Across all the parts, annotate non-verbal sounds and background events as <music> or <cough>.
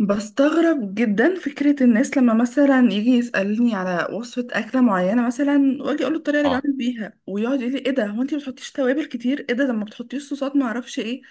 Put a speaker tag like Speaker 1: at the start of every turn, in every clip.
Speaker 1: بستغرب جدا فكرة الناس لما مثلا يجي يسألني على وصفة أكلة معينة مثلا وأجي أقول له الطريقة اللي
Speaker 2: اه
Speaker 1: بعمل بيها ويقعد يقول لي إيه ده، هو أنت ما بتحطيش توابل كتير، إيه ده ما بتحطيش صوصات، ما أعرفش إيه.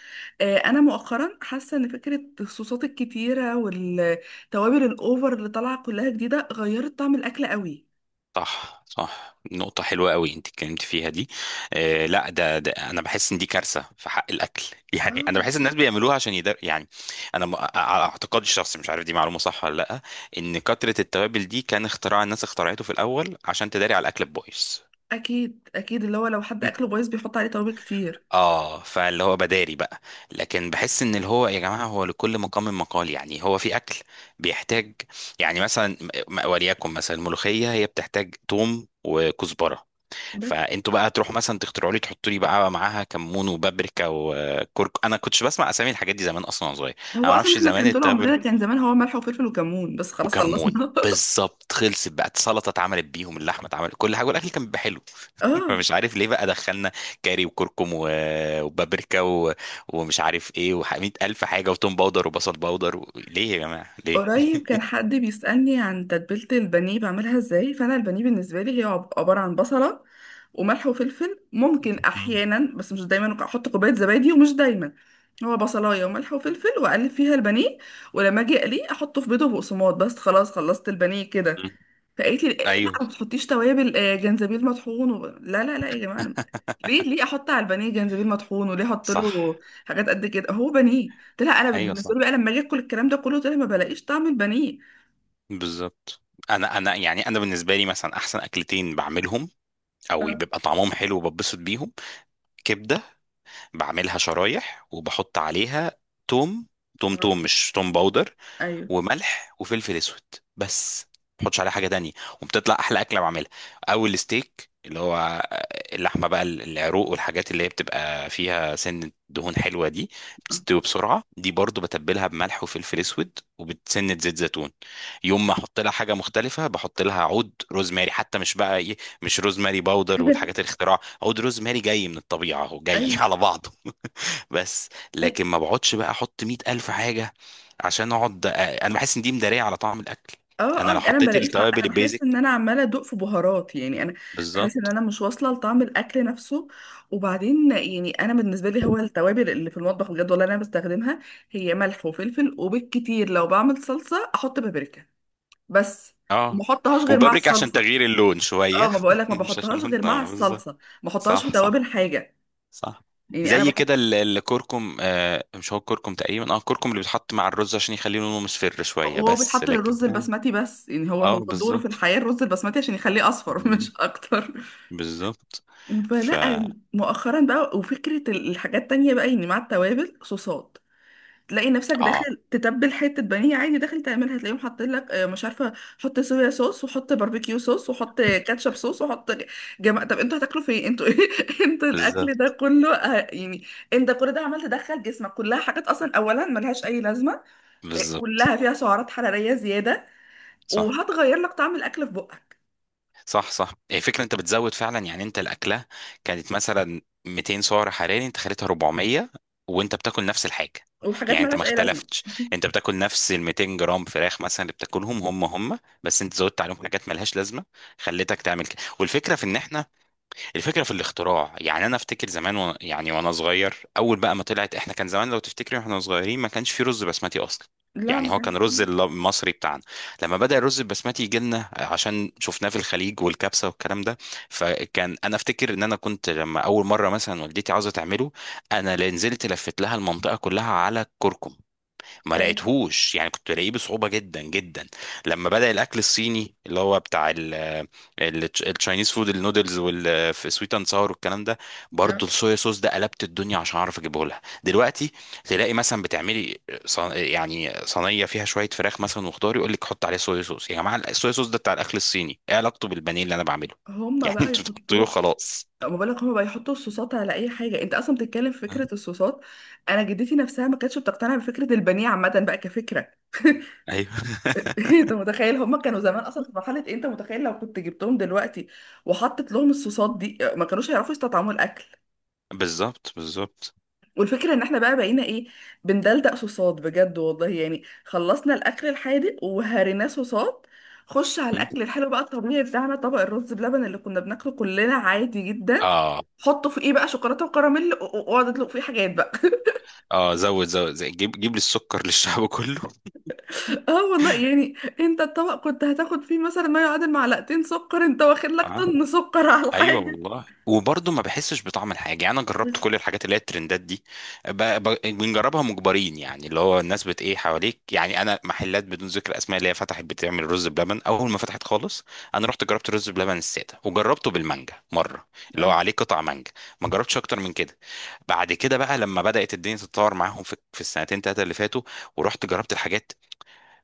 Speaker 1: آه أنا مؤخرا حاسة إن فكرة الصوصات الكتيرة والتوابل الأوفر اللي طالعة كلها جديدة غيرت طعم الأكل قوي.
Speaker 2: صح صح، نقطة حلوة قوي انت اتكلمت فيها دي. آه لا، ده انا بحس ان دي كارثة في حق الاكل <laughs> يعني
Speaker 1: اه.
Speaker 2: انا بحس الناس بيعملوها عشان يدر يعني. انا على اعتقادي الشخصي مش عارف دي معلومة صح ولا لا، ان كترة التوابل دي كان اختراع الناس اخترعته في الاول عشان تداري على الاكل البايظ.
Speaker 1: أكيد أكيد اللي هو لو حد أكله
Speaker 2: <laughs>
Speaker 1: بايظ بيحط عليه توابل كتير.
Speaker 2: اه، فاللي هو بداري بقى. لكن بحس ان اللي هو يا جماعه هو لكل مقام مقال، يعني هو في اكل بيحتاج، يعني مثلا، وليكن مثلا الملوخيه هي بتحتاج توم وكزبره،
Speaker 1: بس
Speaker 2: فانتوا بقى تروحوا مثلا تخترعوا لي تحطوا لي بقى معاها كمون وبابريكا وكرك. انا كنتش بسمع اسامي الحاجات دي زمان اصلا وانا صغير.
Speaker 1: هو
Speaker 2: انا ما
Speaker 1: أصلا
Speaker 2: اعرفش
Speaker 1: إحنا
Speaker 2: زمان
Speaker 1: كان طول عمرنا
Speaker 2: التابل
Speaker 1: كان زمان هو ملح وفلفل وكمون بس، خلاص
Speaker 2: وكمون
Speaker 1: خلصنا.
Speaker 2: بالظبط، خلصت بقى السلطه اتعملت بيهم، اللحمه اتعملت، كل حاجه، والاكل كان بيبقى حلو.
Speaker 1: <laughs>
Speaker 2: <laughs>
Speaker 1: آه.
Speaker 2: فمش عارف ليه بقى دخلنا كاري وكركم وبابريكا ومش عارف ايه و100 الف حاجه وتوم باودر وبصل باودر، ليه يا جماعه؟ ليه؟ <laughs>
Speaker 1: قريب كان حد بيسألني عن تتبيلة البانيه بعملها ازاي، فأنا البانيه بالنسبة لي هي عبارة عن بصلة وملح وفلفل، ممكن
Speaker 2: مم.
Speaker 1: أحيانا بس مش دايما أحط كوباية زبادي ومش دايما. هو بصلاية وملح وفلفل وأقلب فيها البانيه. ولما أجي أقليه أحطه في بيض وبقسماط، بس خلاص خلصت البانيه كده.
Speaker 2: مم.
Speaker 1: فقالت لي لا
Speaker 2: ايوه
Speaker 1: ما تحطيش توابل، جنزبيل مطحون و... لا لا لا يا جماعه أنا... ليه، ليه احط على البانيه جنزبيل مطحون وليه احط
Speaker 2: صح.
Speaker 1: له حاجات قد كده، هو بانيه. قلت لها انا
Speaker 2: ايوه
Speaker 1: بالنسبه
Speaker 2: صح
Speaker 1: لي بقى لما اجي اكل الكلام ده كله، قلت لها ما بلاقيش طعم البانيه.
Speaker 2: بالظبط. انا يعني انا بالنسبه لي مثلا احسن اكلتين بعملهم او
Speaker 1: اه
Speaker 2: بيبقى طعمهم حلو وببسط بيهم، كبده بعملها شرايح وبحط عليها توم. توم
Speaker 1: اه
Speaker 2: توم مش توم باودر،
Speaker 1: ايوه
Speaker 2: وملح وفلفل اسود بس، ما تحطش عليها حاجه تانية، وبتطلع احلى اكله بعملها. او الستيك اللي هو اللحمه بقى العروق والحاجات اللي هي بتبقى فيها سنه دهون حلوه دي،
Speaker 1: آه.
Speaker 2: بتستوي بسرعه، دي برضو بتبلها بملح وفلفل اسود وبتسنه زيت زيتون. يوم ما احط لها حاجه مختلفه بحط لها عود روزماري حتى، مش بقى ايه، مش روزماري باودر
Speaker 1: <laughs>
Speaker 2: والحاجات الاختراع، عود روزماري جاي من الطبيعه، هو جاي <laughs>
Speaker 1: ايوه
Speaker 2: على بعضه بس.
Speaker 1: أيوة.
Speaker 2: لكن ما بقعدش بقى احط مية الف حاجه عشان اقعد، انا بحس ان دي مداريه على طعم الاكل.
Speaker 1: اه
Speaker 2: انا
Speaker 1: اه
Speaker 2: لو
Speaker 1: انا ما
Speaker 2: حطيت
Speaker 1: بلاقيش طعم،
Speaker 2: التوابل
Speaker 1: انا بحس ان
Speaker 2: البيزك
Speaker 1: انا عماله ادوق في بهارات، يعني انا بحس ان
Speaker 2: بالظبط.
Speaker 1: انا مش واصله لطعم الاكل نفسه. وبعدين يعني انا بالنسبه لي هو التوابل اللي في المطبخ بجد والله انا بستخدمها هي ملح وفلفل، وبالكتير لو بعمل صلصه احط بابريكا بس. ما
Speaker 2: اه،
Speaker 1: بحطهاش غير مع
Speaker 2: وبابريكا عشان
Speaker 1: الصلصه.
Speaker 2: تغيير اللون
Speaker 1: اه
Speaker 2: شويه
Speaker 1: ما بقولك
Speaker 2: <laughs>
Speaker 1: ما
Speaker 2: مش
Speaker 1: بحطهاش
Speaker 2: عشان
Speaker 1: غير مع
Speaker 2: الطعم بالظبط.
Speaker 1: الصلصه، ما بحطهاش في
Speaker 2: صح صح.
Speaker 1: توابل حاجه.
Speaker 2: صح،
Speaker 1: يعني انا
Speaker 2: زي
Speaker 1: بحط.
Speaker 2: كده الكركم، آه مش هو الكركم تقريبا، اه الكركم اللي بيتحط مع الرز عشان يخليه لونه مصفر شويه
Speaker 1: وهو
Speaker 2: بس،
Speaker 1: بيتحط
Speaker 2: لكن
Speaker 1: للرز
Speaker 2: اه
Speaker 1: البسمتي بس، يعني هو
Speaker 2: آه،
Speaker 1: هو دوره في
Speaker 2: بالظبط.
Speaker 1: الحياه الرز البسمتي عشان يخليه اصفر، <laughs> مش اكتر.
Speaker 2: بالظبط. ف،
Speaker 1: فلا مؤخرا بقى وفكرة الحاجات التانية بقى يعني مع التوابل صوصات. تلاقي نفسك
Speaker 2: اه
Speaker 1: داخل تتبل حتة بانيه عادي، داخل تعملها تلاقيهم حاطين لك، مش عارفة، حط صويا صوص وحط باربيكيو صوص وحط كاتشب صوص وحط. جماعة طب انتوا هتاكلوا فين انتوا؟ <laughs> انتوا الاكل ده
Speaker 2: بالظبط
Speaker 1: كله يعني انت كل ده عمال تدخل جسمك كلها حاجات اصلا، اولا ملهاش اي لازمة.
Speaker 2: بالظبط.
Speaker 1: كلها فيها سعرات حرارية زيادة.
Speaker 2: صح
Speaker 1: وهتغير لك طعم الاكل في بقك.
Speaker 2: صح، صح، هي فكرة انت بتزود فعلا يعني، انت الاكلة كانت مثلا 200 سعر حراري، انت خليتها 400، وانت بتاكل نفس الحاجة،
Speaker 1: وحاجات
Speaker 2: يعني انت ما
Speaker 1: ملهاش اي لازمة.
Speaker 2: اختلفتش، انت
Speaker 1: <laughs>
Speaker 2: بتاكل نفس ال 200 جرام فراخ مثلا اللي بتاكلهم، هم بس انت زودت عليهم حاجات ملهاش لازمة، خليتك تعمل كده. والفكرة في ان احنا، الفكره في الاختراع، يعني انا افتكر زمان يعني وانا صغير اول بقى ما طلعت، احنا كان زمان لو تفتكري واحنا صغيرين ما كانش في رز بسمتي اصلا،
Speaker 1: لا
Speaker 2: يعني
Speaker 1: ما
Speaker 2: هو
Speaker 1: كانش
Speaker 2: كان رز
Speaker 1: فيه.
Speaker 2: المصري بتاعنا. لما بدأ الرز البسمتي يجي لنا عشان شفناه في الخليج والكبسة والكلام ده، فكان انا افتكر ان انا كنت لما اول مرة مثلا والدتي عاوزة تعمله، انا اللي نزلت لفت لها المنطقة كلها على الكركم، ما
Speaker 1: أيوة.
Speaker 2: لقيتهوش، يعني كنت الاقيه بصعوبه جدا جدا. لما بدأ الاكل الصيني اللي هو بتاع التشاينيز فود، النودلز والسويت اند ساور والكلام ده، برضو الصويا صوص ده قلبت الدنيا عشان اعرف اجيبه لها دلوقتي. تلاقي مثلا بتعملي يعني صينيه فيها شويه فراخ مثلا وخضار، يقول لك حط عليه صويا صوص، يا جماعه الصويا صوص ده بتاع الاكل الصيني، ايه علاقته بالبانيه اللي انا بعمله؟ <laughs>
Speaker 1: هما
Speaker 2: يعني
Speaker 1: بقى
Speaker 2: انتوا بتحطوه
Speaker 1: يحطوه.
Speaker 2: خلاص.
Speaker 1: ما بالك هما بقى يحطوا الصوصات على اي حاجه، انت اصلا بتتكلم في فكره الصوصات. انا جدتي نفسها ما كانتش بتقتنع بفكره البانيه عامه بقى كفكره.
Speaker 2: ايوه
Speaker 1: <laughs> انت متخيل هما كانوا زمان اصلا في مرحله إيه؟ انت متخيل لو كنت جبتهم دلوقتي وحطت لهم الصوصات دي ما كانوش هيعرفوا يستطعموا الاكل.
Speaker 2: بالظبط بالظبط.
Speaker 1: والفكرة ان احنا بقى بقينا ايه؟ بندلدق صوصات بجد والله، يعني خلصنا الاكل الحادق وهريناه صوصات. خش على الاكل الحلو بقى الطبيعي بتاعنا، طبق الرز بلبن اللي كنا بناكله كلنا عادي جدا.
Speaker 2: اه.
Speaker 1: حطه في ايه بقى؟ شوكولاته وكراميل واقعد اطلق فيه حاجات بقى.
Speaker 2: اه زود زود، زي جيب لي السكر <laughs> للشعب كله.
Speaker 1: <laughs> اه والله يعني. انت الطبق كنت هتاخد فيه مثلا ما يعادل معلقتين سكر، انت واخد لك
Speaker 2: اه
Speaker 1: طن سكر على
Speaker 2: ايوه
Speaker 1: الحاجه.
Speaker 2: والله، وبرضه ما بحسش بطعم الحاجه، يعني انا جربت
Speaker 1: بس
Speaker 2: كل الحاجات اللي هي الترندات دي. بنجربها مجبرين يعني، اللي هو الناس بت ايه حواليك. يعني انا محلات بدون ذكر اسماء اللي هي فتحت بتعمل رز بلبن اول ما فتحت خالص، انا رحت جربت الرز بلبن الساده وجربته بالمانجا مره، اللي هو
Speaker 1: اه.
Speaker 2: عليه قطع مانجا، ما جربتش اكتر من كده. بعد كده بقى لما بدات الدنيا تتطور معاهم في السنتين ثلاثه اللي فاتوا، ورحت جربت الحاجات،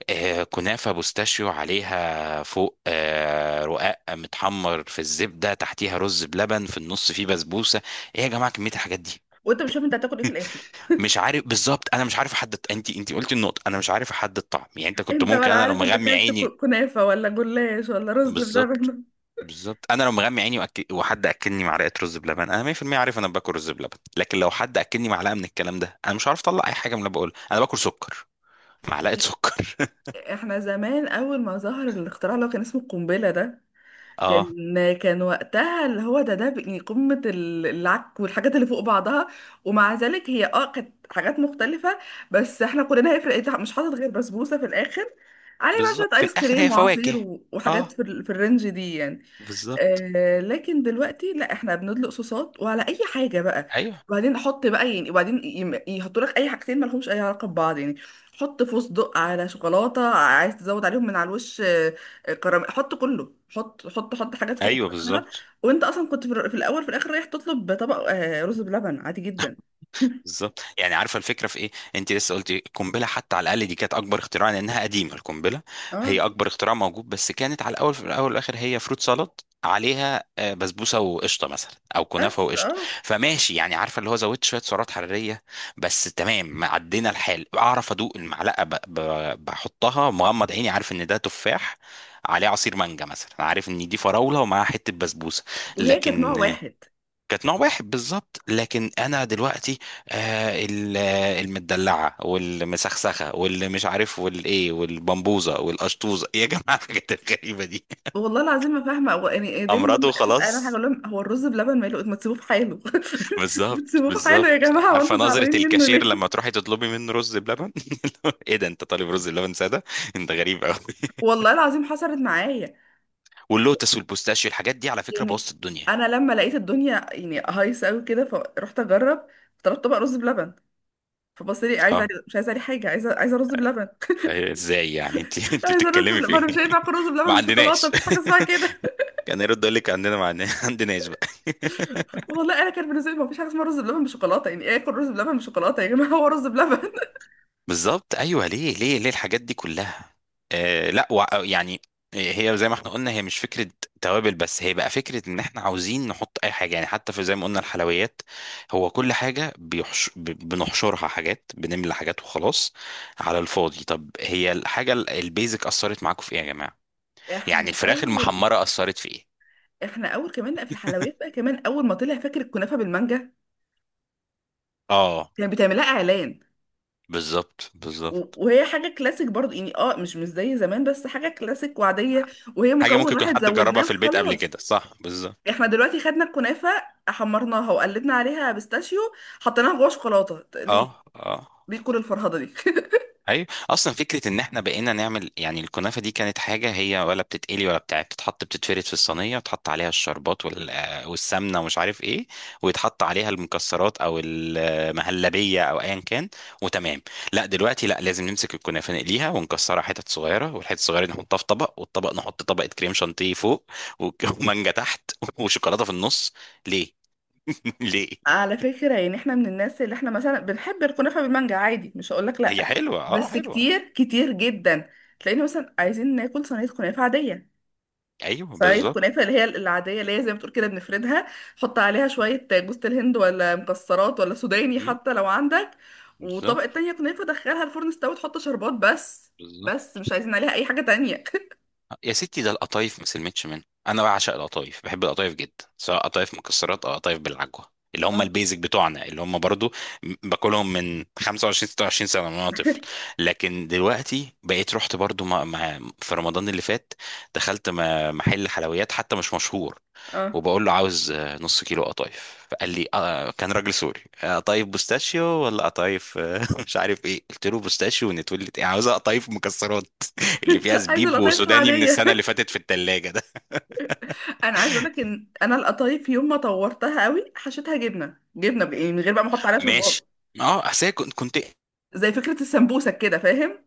Speaker 2: آه، كنافة بوستاشيو عليها فوق آه، رقاق متحمر في الزبدة تحتيها رز بلبن في النص فيه بسبوسة. ايه يا جماعة كمية الحاجات دي؟
Speaker 1: وانت مش عارف انت هتاكل ايه في الاخر.
Speaker 2: <laughs> مش عارف بالظبط، انا مش عارف احدد، انت انت قلتي النقطة، انا مش عارف احدد الطعم يعني. انت كنت
Speaker 1: انت
Speaker 2: ممكن،
Speaker 1: ولا
Speaker 2: انا لو
Speaker 1: عارف انت
Speaker 2: مغمي
Speaker 1: اكلت
Speaker 2: عيني
Speaker 1: كنافه ولا جلاش ولا رز
Speaker 2: بالظبط.
Speaker 1: بلبن.
Speaker 2: بالظبط، انا لو مغمي عيني وحد اكلني معلقة رز بلبن انا 100% عارف انا باكل رز بلبن، لكن لو حد اكلني معلقة من الكلام ده انا مش عارف اطلع اي حاجة من اللي بقولها، انا باكل سكر، معلقة سكر. <laughs>
Speaker 1: احنا زمان اول ما ظهر الاختراع اللي هو كان اسمه القنبله ده،
Speaker 2: اه
Speaker 1: كان وقتها اللي هو ده بقى قمه العك والحاجات اللي فوق بعضها. ومع ذلك هي كانت حاجات مختلفه. بس احنا كلنا هيفرق إيه؟ مش حاطط غير بسبوسه في الاخر، عليه بقى
Speaker 2: بالظبط
Speaker 1: شويه
Speaker 2: في
Speaker 1: ايس
Speaker 2: الاخر هي
Speaker 1: كريم وعصير
Speaker 2: فواكه. اه
Speaker 1: وحاجات في في الرينج دي يعني.
Speaker 2: بالظبط.
Speaker 1: آه لكن دلوقتي لا احنا بندلق صوصات وعلى اي حاجه بقى.
Speaker 2: ايوه
Speaker 1: وبعدين احط بقى يعني، وبعدين يحطوا لك اي حاجتين ما لهمش اي علاقه ببعض يعني. حط فستق على شوكولاته، عايز تزود عليهم من على الوش، كراميل، حط كله، حط حط حط حاجات فوق
Speaker 2: ايوه
Speaker 1: بعضها.
Speaker 2: بالظبط.
Speaker 1: وانت اصلا كنت في في الاول في الاخر رايح تطلب طبق، رز بلبن عادي جدا.
Speaker 2: بالظبط يعني عارفه الفكره في ايه؟ انت لسه قلتي القنبله حتى، على الاقل دي كانت اكبر اختراع لانها قديمه القنبله،
Speaker 1: اه
Speaker 2: هي اكبر اختراع موجود، بس كانت على الاول في الاول والاخر هي فروت سالاد عليها آه، بسبوسه وقشطه مثلا او كنافه
Speaker 1: بس
Speaker 2: وقشطه،
Speaker 1: اه.
Speaker 2: فماشي يعني، عارفه اللي هو زودت شويه سعرات حراريه بس تمام، ما عدينا الحال، اعرف ادوق المعلقه بحطها مغمض عيني، عارف ان ده تفاح عليه عصير مانجا مثلا، عارف ان دي فراوله ومعاها حته بسبوسه،
Speaker 1: وهي كانت نوع
Speaker 2: لكن
Speaker 1: واحد.
Speaker 2: كانت نوع واحد بالظبط. لكن انا دلوقتي آه، المدلعه والمسخسخه واللي مش عارف والايه والبمبوزه والقشطوزه، يا جماعه الحاجات الغريبه دي
Speaker 1: والله العظيم ما فاهمه هو يعني إيه، دايما
Speaker 2: امراض
Speaker 1: لما اشوف اعلان حاجه
Speaker 2: وخلاص.
Speaker 1: اقول لهم هو الرز بلبن ماله؟ ما تسيبوه في حاله. <laughs> ما
Speaker 2: بالظبط
Speaker 1: تسيبوه في حاله يا
Speaker 2: بالظبط.
Speaker 1: جماعه
Speaker 2: عارفه
Speaker 1: وانتوا
Speaker 2: نظره
Speaker 1: زعلانين منه
Speaker 2: الكاشير لما
Speaker 1: ليه؟
Speaker 2: تروحي تطلبي منه رز بلبن؟ <laughs> ايه ده انت طالب رز بلبن ساده؟ انت غريب قوي.
Speaker 1: والله العظيم حصلت معايا.
Speaker 2: واللوتس والبوستاشيو الحاجات دي على فكره
Speaker 1: يعني
Speaker 2: بوظت الدنيا.
Speaker 1: انا لما لقيت الدنيا يعني هايصه قوي كده فرحت اجرب. طلبت طبق رز بلبن، فبص لي عايزه
Speaker 2: اه
Speaker 1: عليه؟ مش عايزه عليه حاجه، عايزه عايزه رز بلبن.
Speaker 2: إيه، ازاي يعني؟ انت
Speaker 1: <laughs>
Speaker 2: انت
Speaker 1: عايزه رز
Speaker 2: بتتكلمي في
Speaker 1: بلبن،
Speaker 2: ايه؟
Speaker 1: انا مش هينفع
Speaker 2: <laughs>
Speaker 1: اكل رز
Speaker 2: ما
Speaker 1: بلبن بشوكولاته،
Speaker 2: عندناش.
Speaker 1: مفيش حاجه اسمها كده.
Speaker 2: <laughs> كان يرد يقول لك عندنا، معناه <laughs> عندناش بقى.
Speaker 1: <laughs> والله انا كان بالنسبه لي مفيش حاجه اسمها رز بلبن بشوكولاته، يعني ايه اكل رز بلبن بشوكولاته يا جماعه؟ <laughs> هو رز بلبن.
Speaker 2: بالظبط ايوه. ليه ليه ليه الحاجات دي كلها؟ آه لا يعني هي زي ما احنا قلنا هي مش فكره توابل بس، هي بقى فكره ان احنا عاوزين نحط اي حاجه، يعني حتى في زي ما قلنا الحلويات، هو كل حاجه بيحش بنحشرها حاجات، بنملى حاجات وخلاص على الفاضي. طب هي الحاجه البيزك اثرت معاكم في ايه يا جماعه؟
Speaker 1: <laughs>
Speaker 2: يعني
Speaker 1: احنا
Speaker 2: الفراخ
Speaker 1: اول
Speaker 2: المحمره اثرت في ايه؟
Speaker 1: احنا اول كمان لا في الحلويات بقى كمان، اول ما طلع فاكر الكنافه بالمانجا
Speaker 2: اه
Speaker 1: كان بتعملها اعلان.
Speaker 2: بالظبط بالظبط.
Speaker 1: وهي حاجه كلاسيك برضو يعني اه مش زي زمان بس حاجه كلاسيك وعاديه. وهي
Speaker 2: حاجه ممكن
Speaker 1: مكون
Speaker 2: يكون
Speaker 1: واحد
Speaker 2: حد جربها
Speaker 1: زودناه
Speaker 2: في البيت قبل
Speaker 1: وخلاص.
Speaker 2: كده، صح بالظبط.
Speaker 1: احنا دلوقتي خدنا الكنافه، حمرناها وقلبنا عليها بيستاشيو، حطيناها جوه شوكولاته، ليه؟
Speaker 2: اه. اه
Speaker 1: ليه كل الفرهده دي؟ <laughs>
Speaker 2: ايوه، اصلا فكره ان احنا بقينا نعمل يعني، الكنافه دي كانت حاجه هي ولا بتتقلي ولا بتاع، بتتحط بتتفرد في الصينيه وتحط عليها الشربات آه، والسمنه ومش عارف ايه، ويتحط عليها المكسرات او المهلبيه او ايا كان، وتمام. لا دلوقتي لا، لازم نمسك الكنافه نقليها ونكسرها حتت صغيره، والحتت الصغيره دي نحطها في طبق، والطبق نحط طبقه كريم شانتيه فوق و- <laughs> ومانجا تحت وشوكولاته في النص. ليه؟ <laughs> ليه؟
Speaker 1: على فكره يعني احنا من الناس اللي احنا مثلا بنحب الكنافه بالمانجا عادي، مش هقول لك
Speaker 2: هي
Speaker 1: لا.
Speaker 2: حلوه اه
Speaker 1: بس
Speaker 2: حلوه.
Speaker 1: كتير كتير جدا. تلاقينا مثلا عايزين ناكل صينيه كنافه عاديه،
Speaker 2: ايوه
Speaker 1: صينية
Speaker 2: بالظبط.
Speaker 1: الكنافة اللي هي العادية اللي هي زي ما بتقول كده بنفردها، نحط عليها شوية جوز الهند ولا مكسرات ولا سوداني
Speaker 2: مم،
Speaker 1: حتى لو عندك، وطبقة
Speaker 2: بالظبط.
Speaker 1: تانية كنافة دخلها الفرن استوت تحط شربات بس.
Speaker 2: بالظبط
Speaker 1: بس مش عايزين عليها أي حاجة تانية. <laughs>
Speaker 2: يا ستي، ده القطايف ما سلمتش منه. انا بعشق القطايف، بحب القطايف جدا، سواء قطايف مكسرات او قطايف بالعجوه اللي هم
Speaker 1: اه
Speaker 2: البيزك بتوعنا، اللي هم برضو باكلهم من 25 26 سنه، من وانا طفل. لكن دلوقتي بقيت رحت برضو في رمضان اللي فات، دخلت محل حلويات حتى مش مشهور
Speaker 1: آه.
Speaker 2: وبقول له عاوز آه، نص كيلو قطايف. فقال لي آه، كان راجل سوري، آه، قطايف بوستاشيو ولا قطايف آه، <laughs> مش عارف ايه. قلت له بوستاشيو ونتولت، ايه؟ عاوزها قطايف مكسرات اللي فيها
Speaker 1: عايزة
Speaker 2: زبيب
Speaker 1: القطايف
Speaker 2: وسوداني من
Speaker 1: العادية.
Speaker 2: السنه اللي فاتت في الثلاجه ده.
Speaker 1: <laughs> أنا عايزة أقول لك إن أنا القطايف يوم ما طورتها قوي حشيتها جبنة جبنة يعني من غير بقى ما أحط
Speaker 2: <laughs>
Speaker 1: عليها
Speaker 2: ماشي.
Speaker 1: شربات.
Speaker 2: اه اصل هي كنت
Speaker 1: زي فكرة السمبوسك كده فاهم،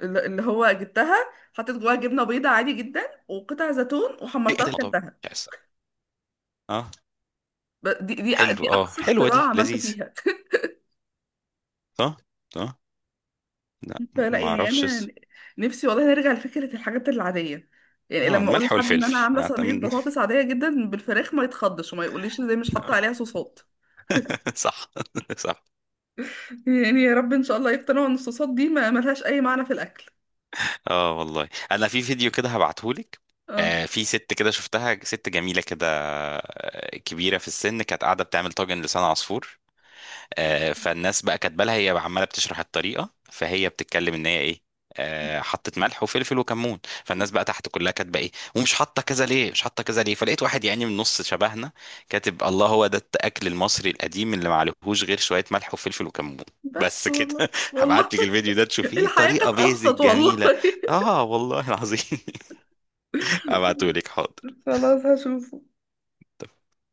Speaker 1: اللي هو جبتها حطيت جواها جبنة بيضة عادي جدا وقطع زيتون وحمرتها
Speaker 2: الموضوع
Speaker 1: وكلتها.
Speaker 2: مش عايز. اه،
Speaker 1: ب- دي دي
Speaker 2: حلو،
Speaker 1: دي
Speaker 2: اه
Speaker 1: اقصى
Speaker 2: حلوه دي،
Speaker 1: اختراع عملته
Speaker 2: لذيذ.
Speaker 1: فيها.
Speaker 2: صح صح. لا
Speaker 1: <laughs> فلا
Speaker 2: ما
Speaker 1: يعني
Speaker 2: اعرفش
Speaker 1: انا نفسي والله نرجع لفكره الحاجات العاديه. يعني
Speaker 2: اه
Speaker 1: لما اقول
Speaker 2: الملح
Speaker 1: لحد ان انا
Speaker 2: والفلفل
Speaker 1: عامله صينيه
Speaker 2: نعتمد.
Speaker 1: بطاطس عاديه جدا بالفراخ ما يتخضش وما يقوليش ازاي مش حاطه عليها صوصات.
Speaker 2: <laughs> صح صح.
Speaker 1: يعني يا رب ان شاء الله يقتنعوا ان الصوصات دي ما ملهاش اي معنى في الاكل.
Speaker 2: اه والله انا في فيديو كده هبعتهولك،
Speaker 1: اه
Speaker 2: آه في ست كده شفتها، ست جميله كده آه، كبيره في السن، كانت قاعده بتعمل طاجن لسان عصفور آه، فالناس بقى كاتبه لها، هي عماله بتشرح الطريقه فهي بتتكلم ان هي ايه، آه، حطت ملح وفلفل وكمون، فالناس بقى تحت كلها كاتبه ايه، ومش حاطه كذا ليه، مش حاطه كذا ليه، فلقيت واحد يعني من النص شبهنا كاتب، الله هو ده الاكل المصري القديم اللي معلهوش غير شويه ملح وفلفل وكمون
Speaker 1: بس
Speaker 2: بس كده.
Speaker 1: والله
Speaker 2: <laughs> هبعت
Speaker 1: والله.
Speaker 2: لك الفيديو ده
Speaker 1: <laughs>
Speaker 2: تشوفيه،
Speaker 1: الحياه
Speaker 2: طريقه
Speaker 1: كانت
Speaker 2: بيزك
Speaker 1: ابسط والله.
Speaker 2: جميله.
Speaker 1: <laughs>
Speaker 2: اه والله العظيم. <laughs> هبعته لك، حاضر.
Speaker 1: خلاص هشوف.